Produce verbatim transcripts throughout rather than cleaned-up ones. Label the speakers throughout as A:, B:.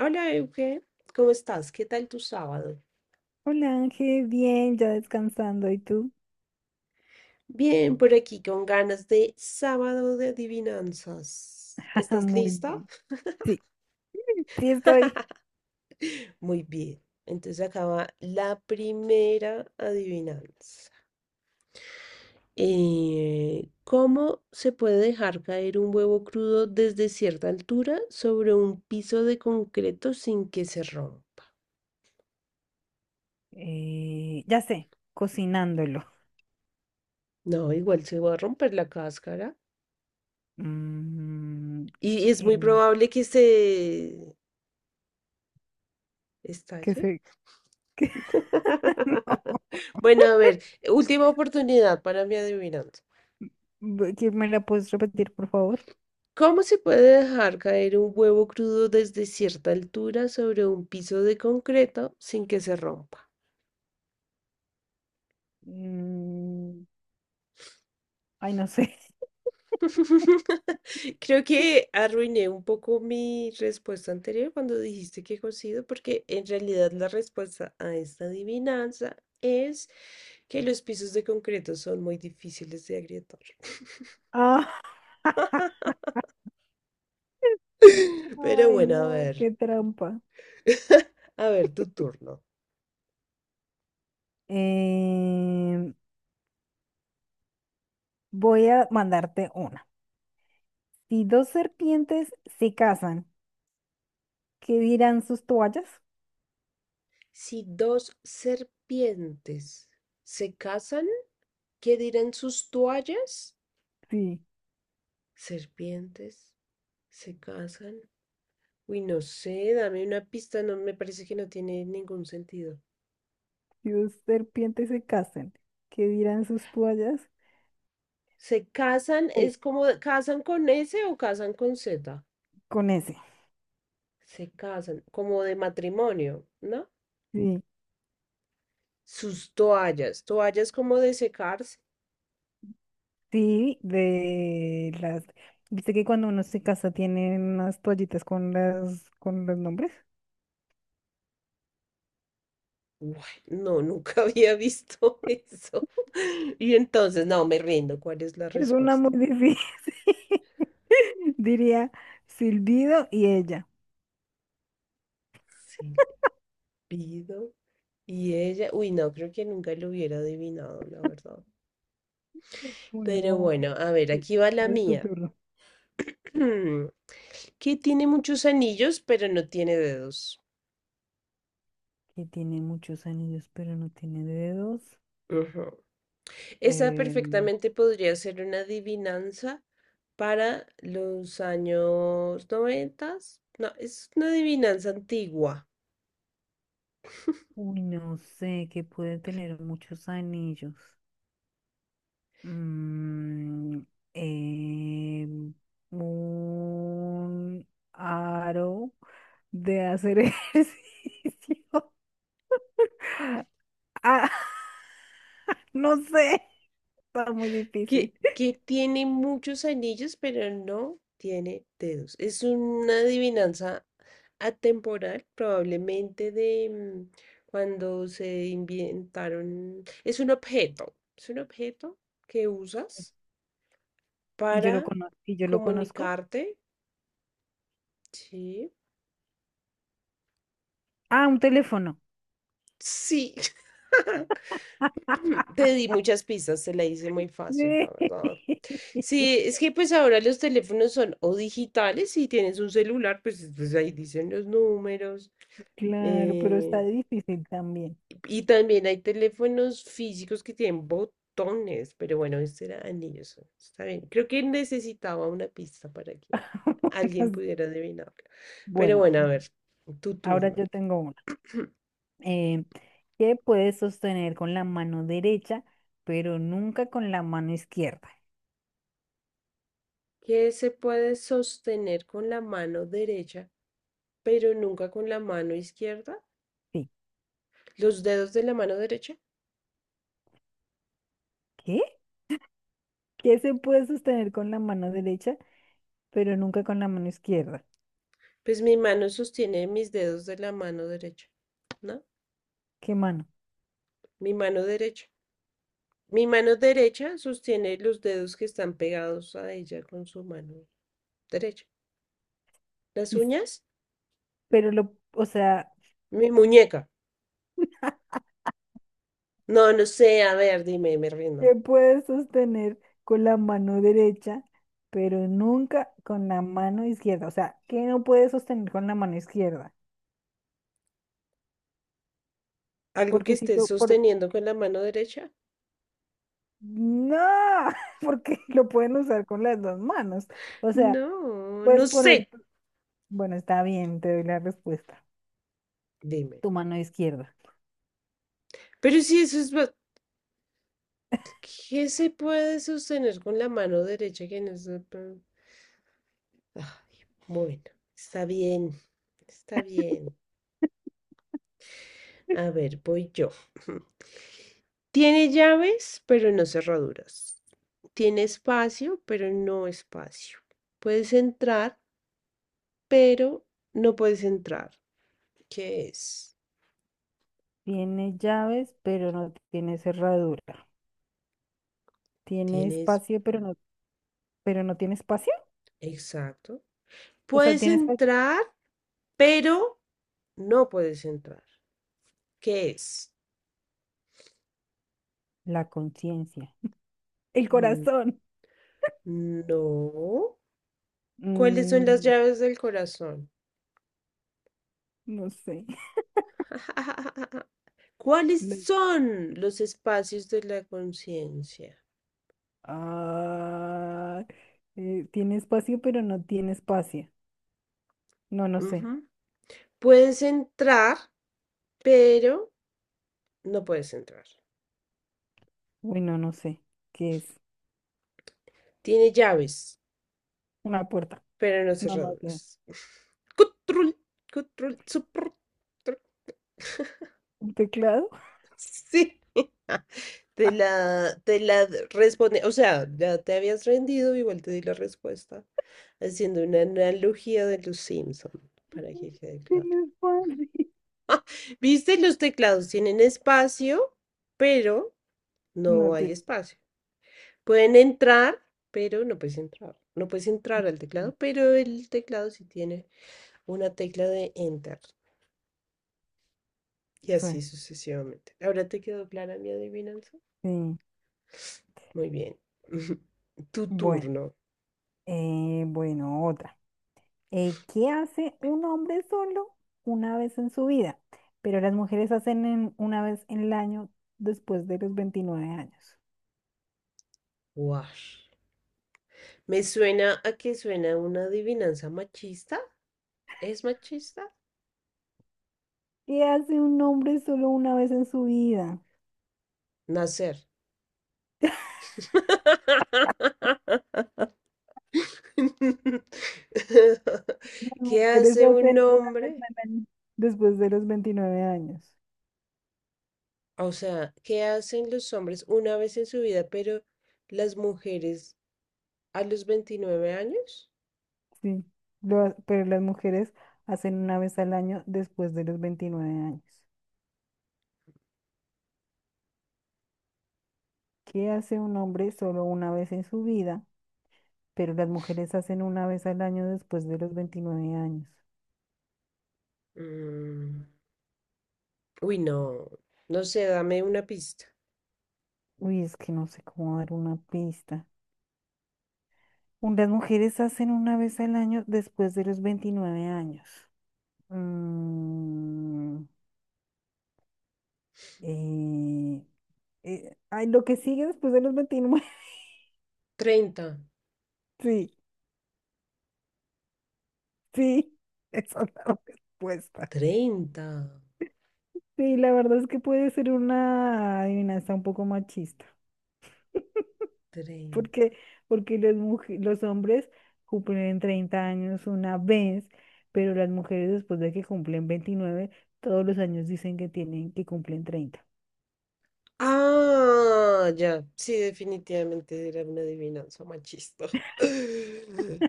A: Hola Euge, ¿cómo estás? ¿Qué tal tu sábado?
B: Hola Ángel, bien, ya descansando. ¿Y tú?
A: Bien, por aquí con ganas de sábado de adivinanzas.
B: Ah,
A: ¿Estás
B: muy
A: lista?
B: bien. Sí, sí estoy.
A: Muy bien. Entonces acaba la primera adivinanza. Eh, ¿cómo se puede dejar caer un huevo crudo desde cierta altura sobre un piso de concreto sin que se rompa?
B: Eh, ya sé, cocinándolo.
A: No, igual se va a romper la cáscara
B: Mm,
A: y es muy
B: eh,
A: probable que se
B: ¿qué
A: estalle.
B: sé?
A: Bueno, a ver, última oportunidad para mi adivinanza.
B: Bu- ¿Qué me la puedes repetir, por favor?
A: ¿Cómo se puede dejar caer un huevo crudo desde cierta altura sobre un piso de concreto sin que se rompa?
B: Mm, Ay, no sé.
A: Creo que arruiné un poco mi respuesta anterior cuando dijiste que cocido, porque en realidad la respuesta a esta adivinanza es que los pisos de concreto son muy difíciles de agrietar.
B: Ah,
A: Pero
B: ay,
A: bueno, a
B: no,
A: ver,
B: qué trampa.
A: a ver, tu turno.
B: Eh, Voy a mandarte una. Si dos serpientes se casan, ¿qué dirán sus toallas?
A: Si dos serpientes se casan, ¿qué dirán sus toallas?
B: Sí.
A: Serpientes se casan. Uy, no sé, dame una pista, no me parece que no tiene ningún sentido.
B: Si dos serpientes se casan, ¿qué dirán sus toallas?
A: Se casan,
B: Sí,
A: es como casan con S o casan con Z.
B: con ese.
A: Se casan, como de matrimonio, ¿no?
B: Sí,
A: Sus toallas, toallas como de secarse.
B: sí, de las... ¿Viste que cuando uno se casa tienen unas toallitas con las con los nombres?
A: Guay, no, nunca había visto eso. Y entonces, no, me rindo. ¿Cuál es la
B: Es una
A: respuesta?
B: muy difícil. Diría Silbido y ella.
A: Sí. Pido. Y ella, uy, no, creo que nunca lo hubiera adivinado, la verdad. Pero
B: Bueno,
A: bueno, a ver,
B: sí,
A: aquí va la
B: es tu
A: mía.
B: turno.
A: Que tiene muchos anillos, pero no tiene dedos.
B: Que tiene muchos anillos, pero no tiene dedos.
A: Ujú. Esa
B: Eh,
A: perfectamente podría ser una adivinanza para los años noventas. No, es una adivinanza antigua.
B: Uy, no sé, que puede tener muchos anillos. Mm, em, un aro de hacer ejercicio. Ah, no sé, está muy
A: que,
B: difícil.
A: que tiene muchos anillos, pero no tiene dedos. Es una adivinanza atemporal, probablemente de mm, cuando se inventaron. Es un objeto, es un objeto que usas
B: Y yo
A: para
B: lo conozco, y yo lo conozco.
A: comunicarte. Sí,
B: Ah, un teléfono.
A: sí. Te di muchas pistas, te la hice muy fácil, la
B: Sí.
A: verdad. Sí, es que pues ahora los teléfonos son o digitales, si tienes un celular, pues, pues ahí dicen los números.
B: Claro, pero está
A: eh,
B: difícil también.
A: y también hay teléfonos físicos que tienen botones, pero bueno, este era anillos. Está bien. Creo que necesitaba una pista para que alguien pudiera adivinarlo. Pero
B: Bueno,
A: bueno, a ver, tu
B: ahora
A: turno.
B: yo tengo una. Eh, ¿Qué puedes sostener con la mano derecha, pero nunca con la mano izquierda?
A: ¿Qué se puede sostener con la mano derecha, pero nunca con la mano izquierda?
B: Sí.
A: Los dedos de la mano derecha.
B: ¿Qué? Que se puede sostener con la mano derecha, pero nunca con la mano izquierda.
A: Pues mi mano sostiene mis dedos de la mano derecha, ¿no?
B: ¿Qué mano?
A: Mi mano derecha. Mi mano derecha sostiene los dedos que están pegados a ella con su mano derecha. ¿Las
B: Dice,
A: uñas?
B: Pero lo, o sea,
A: Mi muñeca. No, no sé, a ver, dime, me rindo.
B: se puede sostener con la mano derecha, pero nunca con la mano izquierda. O sea, ¿qué no puede sostener con la mano izquierda?
A: ¿Algo que
B: Porque si
A: estés
B: tú, por...
A: sosteniendo con la mano derecha?
B: no, porque lo pueden usar con las dos manos. O sea,
A: No, no
B: puedes poner,
A: sé.
B: bueno, está bien, te doy la respuesta.
A: Dime.
B: Tu mano izquierda.
A: Pero si eso es... ba- ¿Qué se puede sostener con la mano derecha que no se... bueno, está bien, está bien. A ver, voy yo. Tiene llaves, pero no cerraduras. Tiene espacio, pero no espacio. Puedes entrar, pero no puedes entrar. ¿Qué es?
B: Tiene llaves, pero no tiene cerradura. Tiene
A: Tienes...
B: espacio, pero
A: pan-
B: no, pero no tiene espacio.
A: exacto.
B: O sea,
A: Puedes
B: tiene espacio.
A: entrar, pero no puedes entrar. ¿Qué es?
B: La conciencia. El
A: Mm,
B: corazón.
A: No. ¿Cuáles son las
B: Mm,
A: llaves del corazón?
B: no sé.
A: ¿Cuáles
B: Le-
A: son los espacios de la conciencia?
B: Ah, eh, tiene espacio, pero no tiene espacio. No, no sé.
A: Ujú. Puedes entrar, pero no puedes entrar.
B: Uy, no, no sé. ¿Qué es?
A: Tiene llaves,
B: Una puerta.
A: pero no
B: No, no sé.
A: cerraduras. Control, control, suprul,
B: ¿Un teclado?
A: sí, te la, te la responde, o sea, ya te habías rendido, igual te di la respuesta, haciendo una analogía de los Simpson, para que quede claro.
B: Tiene espacio.
A: Viste, los teclados tienen espacio, pero no
B: No
A: hay
B: tiene.
A: espacio. Pueden entrar, pero no puedes entrar. No puedes entrar al teclado, pero el teclado sí tiene una tecla de enter. Y
B: Sí.
A: así sucesivamente. ¿Ahora te quedó clara mi adivinanza?
B: Sí.
A: Muy bien. Tu
B: Bueno.
A: turno.
B: Eh, bueno, otra. Eh, ¿qué hace un hombre solo una vez en su vida? Pero las mujeres hacen en- una vez en el año después de los veintinueve años.
A: Guash. Me suena a que suena una adivinanza machista. ¿Es machista?
B: ¿Qué hace un hombre solo una vez en su vida?
A: Nacer.
B: Las
A: ¿Qué
B: mujeres
A: hace un
B: hacen una vez
A: hombre?
B: al año después de los veintinueve años.
A: O sea, ¿qué hacen los hombres una vez en su vida, pero las mujeres a los veintinueve años?
B: Sí, lo ha- pero las mujeres hacen una vez al año después de los veintinueve años. ¿Qué hace un hombre solo una vez en su vida? Pero las mujeres hacen una vez al año después de los veintinueve años.
A: Mm, Uy, no, no sé, dame una pista.
B: Uy, es que no sé cómo dar una pista. Un- Las mujeres hacen una vez al año después de los veintinueve años. Mm, eh, eh, ay, lo que sigue después de los veintinueve
A: Treinta.
B: Sí, sí, esa es la respuesta.
A: Treinta.
B: Sí, la verdad es que puede ser una adivinanza un poco machista.
A: Treinta.
B: Porque, porque los, muj- los hombres cumplen treinta años una vez, pero las mujeres después de que cumplen veintinueve todos los años dicen que tienen que cumplen treinta.
A: Ah, ya, sí, definitivamente era una adivinanza machista.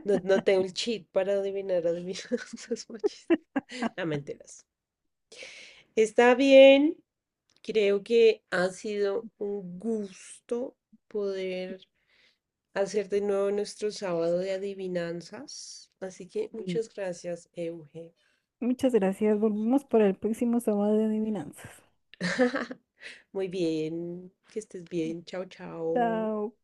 A: No, no tengo el cheat para adivinar adivinanzas machistas. No, mentiras. Está bien, creo que ha sido un gusto poder hacer de nuevo nuestro sábado de adivinanzas. Así que
B: Y
A: muchas gracias, Euge.
B: Muchas gracias. Volvemos para el próximo sábado de adivinanzas.
A: Muy bien, que estés bien. Chao, chao.
B: Chao.